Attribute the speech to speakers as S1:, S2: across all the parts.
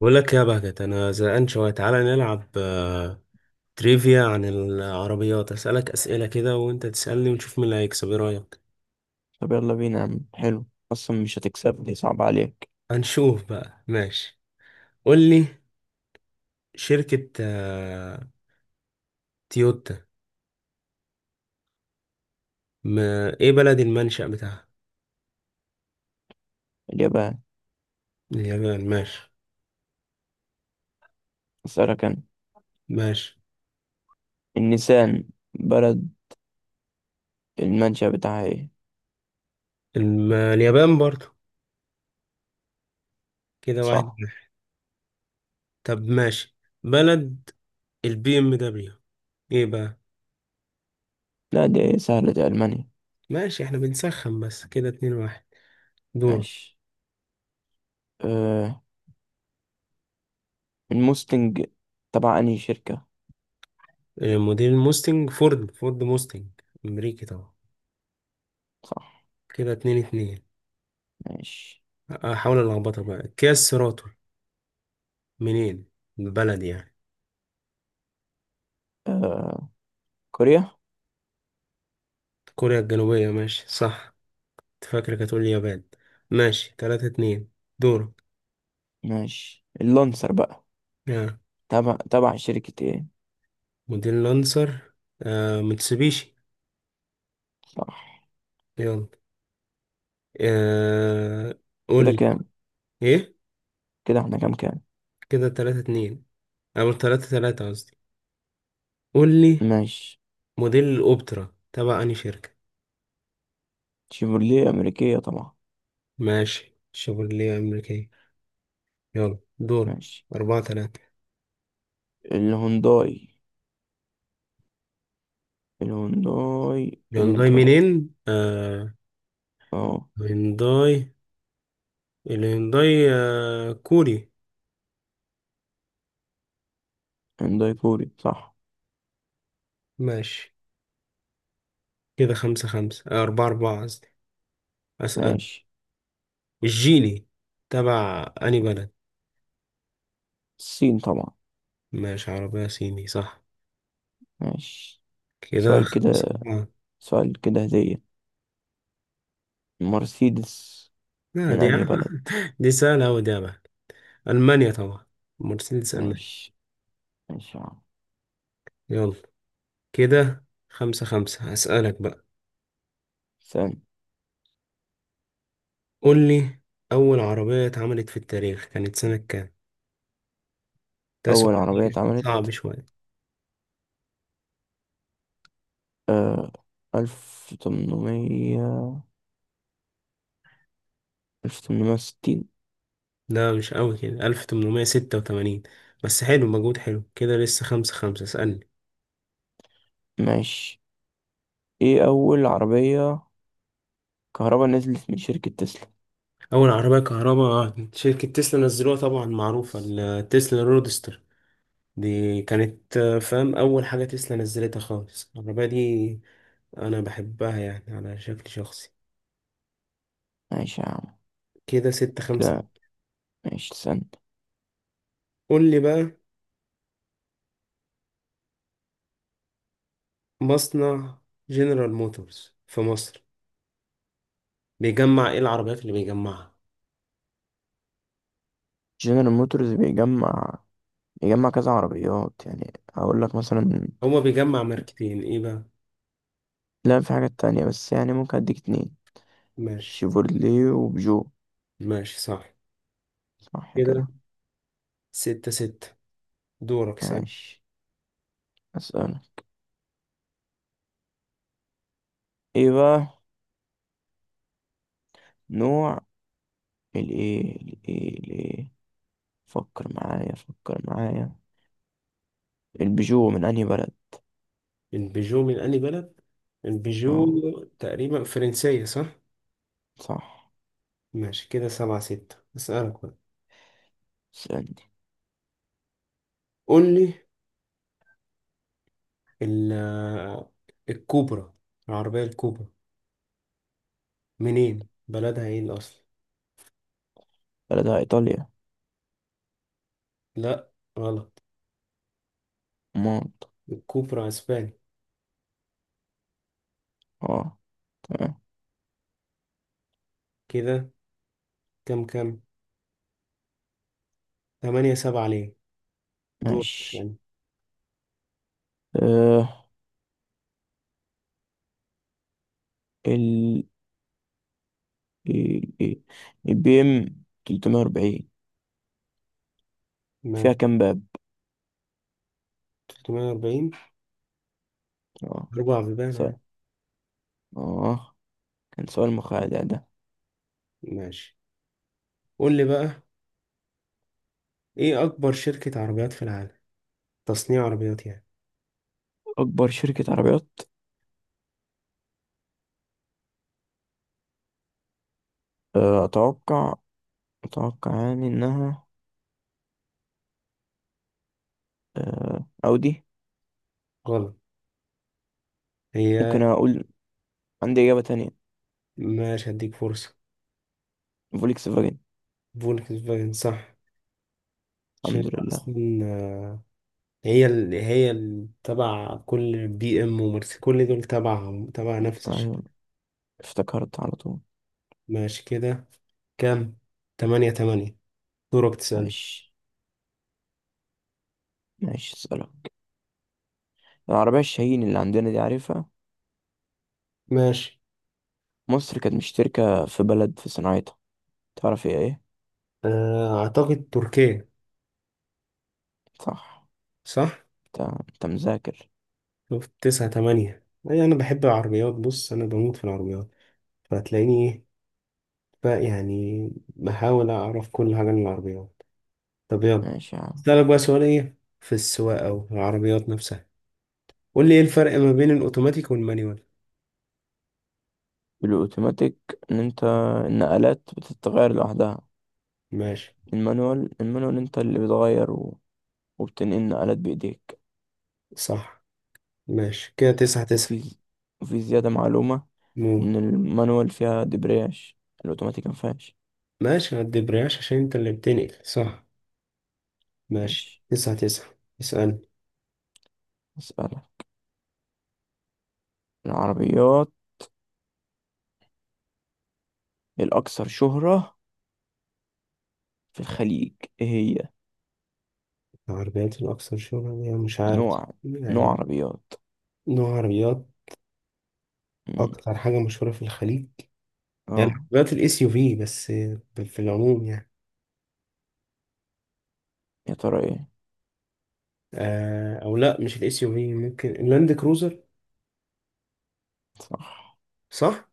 S1: بقول لك يا بهجت، انا زهقان شويه، تعالى نلعب تريفيا عن العربيات، اسالك اسئله كده وانت تسالني ونشوف مين اللي هيكسب. ايه رايك؟
S2: طب يلا بينا يا عم. حلو، أصلا مش هتكسبني، صعب عليك.
S1: هنشوف بقى. ماشي، قول لي. شركه تويوتا، ما ايه بلد المنشأ بتاعها؟
S2: اليابان.
S1: اليابان، ماشي.
S2: أسألك أنا،
S1: ماشي،
S2: النسان بلد المنشأ بتاعها إيه؟
S1: اليابان برضو. كده واحد
S2: صح.
S1: واحد. طب ماشي، بلد البي ام دبليو ايه بقى؟
S2: لا دي سهلة، دي ألمانيا.
S1: ماشي احنا بنسخن بس، كده اتنين واحد. دور.
S2: ماشي. أه، الموستنج تبع أنهي شركة؟
S1: موديل موستنج، فورد موستنج، امريكي طبعا.
S2: صح.
S1: كده اتنين اتنين.
S2: ماشي.
S1: احاول الخبطك بقى، كيا سيراتو منين؟ البلد يعني.
S2: أه، كوريا.
S1: كوريا الجنوبية، ماشي صح. كنت فاكرك هتقول اليابان. ماشي، تلاتة اتنين. دورك.
S2: ماشي، اللانسر بقى
S1: آه.
S2: تبع شركة إيه؟
S1: موديل لانسر. متسوبيشي.
S2: صح.
S1: يلا. آه. قول
S2: كده
S1: لي
S2: كام؟
S1: ايه.
S2: كده إحنا كام كام؟
S1: كده تلاتة اتنين، او تلاتة تلاتة قصدي. قول لي.
S2: ماشي.
S1: موديل الاوبترا تبع انهي شركة؟
S2: شيفروليه أمريكية طبعا.
S1: ماشي، شيفروليه امريكية. يلا دور.
S2: ماشي،
S1: أربعة تلاتة.
S2: الهونداي الهونداي
S1: الهيونداي
S2: الانترا.
S1: منين؟ آه.
S2: اه،
S1: هيونداي. الهيونداي آه كوري.
S2: هنداي كوري صح.
S1: ماشي، كده خمسة خمسة، آه أربعة أربعة قصدي. أسأل.
S2: ماشي.
S1: الجيني تبع أنهي بلد؟
S2: الصين طبعا.
S1: ماشي، عربية صيني صح.
S2: ماشي.
S1: كده
S2: سؤال كده،
S1: خمسة أربعة.
S2: سؤال كده هدية، مرسيدس
S1: لا
S2: من
S1: دي
S2: أنهي بلد؟
S1: دي سهلة أوي دي يا بقى، ألمانيا طبعا. مرسيدس ألمانيا.
S2: ماشي ماشي يا عم.
S1: يلا، كده خمسة خمسة، هسألك بقى.
S2: ثاني.
S1: قول لي، أول عربية اتعملت في التاريخ كانت سنة كام؟ ده
S2: أول
S1: سؤال.
S2: عربية
S1: إيه؟
S2: اتعملت،
S1: صعب شوية.
S2: آه ألف تمنمية، 1860.
S1: لا، مش قوي كده، 1886. بس حلو، مجهود حلو كده، لسه خمسة خمسة، اسألني.
S2: ماشي. ايه أول عربية كهرباء نزلت من شركة تسلا؟
S1: أول عربية كهرباء شركة تسلا نزلوها، طبعا معروفة التسلا رودستر، دي كانت فاهم، أول حاجة تسلا نزلتها خالص العربية دي، أنا بحبها يعني على شكل شخصي.
S2: ماشي يا عم.
S1: كده ستة خمسة.
S2: كده ماشي ثاني.
S1: قول لي بقى، مصنع جنرال موتورز في مصر بيجمع إيه؟ العربيات اللي بيجمعها،
S2: جنرال موتورز بيجمع، بيجمع كذا عربيات، يعني هقول لك مثلا،
S1: هو بيجمع ماركتين إيه بقى؟
S2: لا في حاجات تانية، بس يعني ممكن أديك اتنين،
S1: ماشي.
S2: شيفورلي وبيجو.
S1: ماشي صح.
S2: صح
S1: كده
S2: كده.
S1: ستة ستة، دورك سأل.
S2: ماشي، أسألك. إيه بقى نوع الإيه، فكر معايا، فكر معايا، البيجو من أنهي بلد؟
S1: البيجو من أنهي بلد؟ البيجو
S2: أه،
S1: تقريبا فرنسية صح؟
S2: صح.
S1: ماشي، كده سبعة ستة، أسألك بقى.
S2: اسألني.
S1: قول لي، ال- الكوبرا، العربية الكوبرا منين؟ بلدها ايه الأصل؟
S2: بلدها إيطاليا.
S1: لأ، غلط.
S2: مونت.
S1: الكوبرا أسباني.
S2: أه، تمام.
S1: كده كام كام؟ تمانية سبعة، ليه؟ دور
S2: ماشي.
S1: ثاني.
S2: أه ال ال- ال- البي إم 340، فيها
S1: ماشي،
S2: كام باب؟
S1: 340،
S2: أه،
S1: أربع بيبان
S2: سؤال،
S1: عادي.
S2: أه، كان سؤال مخادع ده.
S1: ماشي، قول لي بقى، ايه أكبر شركة عربيات في العالم؟ تصنيع عربيات يعني.
S2: أكبر شركة عربيات، أتوقع، أتوقع يعني إنها، أودي.
S1: غلط. هي.
S2: ممكن أقول، عندي إجابة تانية،
S1: ماشي، هديك فرصة.
S2: فولكس فاجن.
S1: فولكسفاجن صح، عشان
S2: الحمد لله.
S1: أصلا تبع كل بي إم ومرسي، كل دول تبع نفس الشركة.
S2: أيوة، افتكرت على طول.
S1: ماشي، كده كام؟ تمانية تمانية. دورك تسأل.
S2: ماشي. ماشي، أسألك، العربية الشاهين اللي عندنا دي عارفها؟
S1: ماشي،
S2: مصر كانت مشتركة في بلد في صناعتها، تعرف هي إيه؟
S1: أعتقد تركيا.
S2: صح.
S1: صح؟
S2: أنت، أنت مذاكر.
S1: شفت، تسعة تمانية. أي، أنا بحب العربيات، بص أنا بموت في العربيات، فهتلاقيني إيه بقى يعني، بحاول أعرف كل حاجة عن العربيات. طب يلا،
S2: ماشي يا عم.
S1: أسألك بقى سؤال إيه في السواقة أو في العربيات نفسها. قول لي، ايه الفرق ما بين الاوتوماتيك والمانيوال؟
S2: الأوتوماتيك، إن أنت النقلات بتتغير لوحدها.
S1: ماشي،
S2: المانوال، المانوال أنت اللي بتغير، و... وبتنقل نقلات بإيديك.
S1: صح. ماشي، كده تسعة تسعة.
S2: وفي ز- وفي زيادة معلومة،
S1: مو.
S2: إن المانوال فيها دبرياج، الأوتوماتيك مفيهاش.
S1: ماشي، ما تدبرياش عشان انت اللي بتنقل، صح. ماشي،
S2: ماشي.
S1: تسعة تسعة، اسألني.
S2: أسألك، العربيات الأكثر شهرة في الخليج إيه هي؟
S1: العربيات الأكثر شهرة يعني مش عارف.
S2: نوع، نوع
S1: يعني
S2: عربيات.
S1: نوع عربيات.
S2: مم.
S1: أكتر حاجة مشهورة في الخليج، يعني
S2: اه،
S1: عربيات الاس يو في بس، في العموم يعني.
S2: يا ترى إيه؟
S1: آه، أو لأ مش الاس يو في، ممكن اللاند كروزر.
S2: صح.
S1: صح؟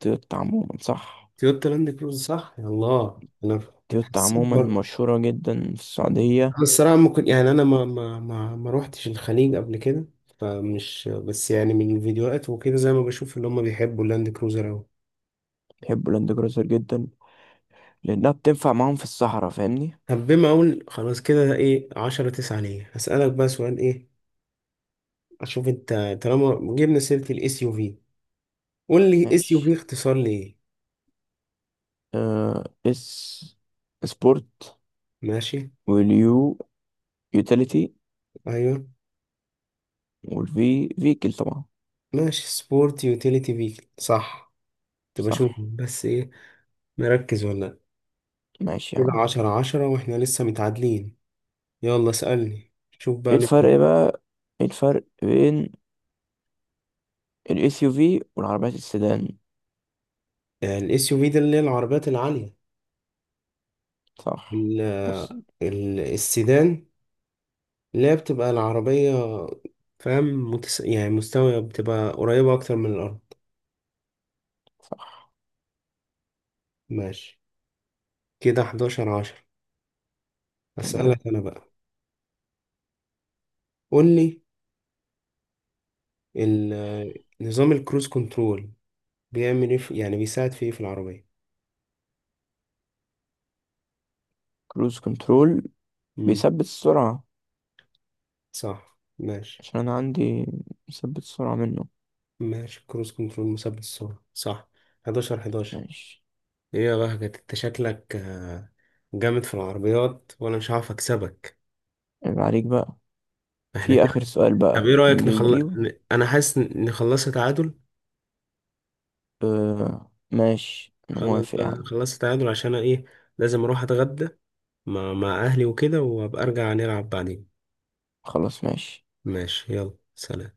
S2: تويوتا عموما صح.
S1: تويوتا لاند كروزر صح؟ يا الله. أنا
S2: تويوتا
S1: حسيت
S2: عموما مشهورة جدا في السعودية.
S1: الصراحة، ممكن يعني أنا ما روحتش الخليج قبل كده، فمش بس يعني من الفيديوهات وكده، زي ما بشوف اللي هم بيحبوا اللاند كروزر أوي.
S2: بيحبوا لاند كروزر جدا، لأنها بتنفع معاهم في الصحراء، فاهمني؟
S1: طب بما أقول خلاص، كده إيه، عشرة تسعة ليا، هسألك بقى سؤال إيه، أشوف أنت. طالما جبنا سيرة الإس يو في، قول لي إس يو في
S2: ماشي.
S1: اختصار لإيه؟
S2: آه، اس سبورت،
S1: ماشي.
S2: واليو يوتيليتي،
S1: أيوه.
S2: والفي فيكل طبعا.
S1: ماشي، سبورت يوتيليتي فيكل، صح. تبقى شوف
S2: صح.
S1: بس إيه، مركز ولا لأ.
S2: ماشي يا
S1: كده
S2: عم.
S1: عشرة عشرة، وإحنا لسه متعادلين. يلا اسألني، شوف
S2: ايه
S1: بقى.
S2: الفرق بقى، ايه الفرق بين الاس يو في والعربيات السيدان؟
S1: الاس يو في ده اللي هي العربيات العالية.
S2: صح.
S1: ال-
S2: بص.
S1: السيدان اللي هي بتبقى العربية، فاهم، يعني مستوية، بتبقى قريبة أكتر من الأرض. ماشي، كده 11 10.
S2: تمام.
S1: أسألك أنا بقى، قولي، نظام الكروز كنترول بيعمل إيه في، يعني بيساعد في إيه في العربية؟
S2: كروز كنترول
S1: مم.
S2: بيثبت السرعة،
S1: صح، ماشي.
S2: عشان انا عندي مثبت السرعة منه.
S1: ماشي، كروز كنترول مثبت السرعة، صح. 11 11.
S2: ماشي.
S1: إيه يا بهجت، أنت شكلك جامد في العربيات، وأنا مش هعرف أكسبك.
S2: عيب عليك بقى،
S1: احنا
S2: في
S1: كده.
S2: اخر سؤال
S1: طب
S2: بقى
S1: ايه رأيك
S2: اللي
S1: نخلص؟
S2: يجيبه.
S1: انا حاسس إن نخلصها تعادل.
S2: آه ماشي انا
S1: خلاص
S2: موافق
S1: بقى،
S2: يا عم.
S1: نخلصها تعادل، عشان أنا ايه، لازم اروح اتغدى مع اهلي وكده، وابقى ارجع نلعب بعدين.
S2: خلاص ماشي.
S1: ماشي، يلا سلام.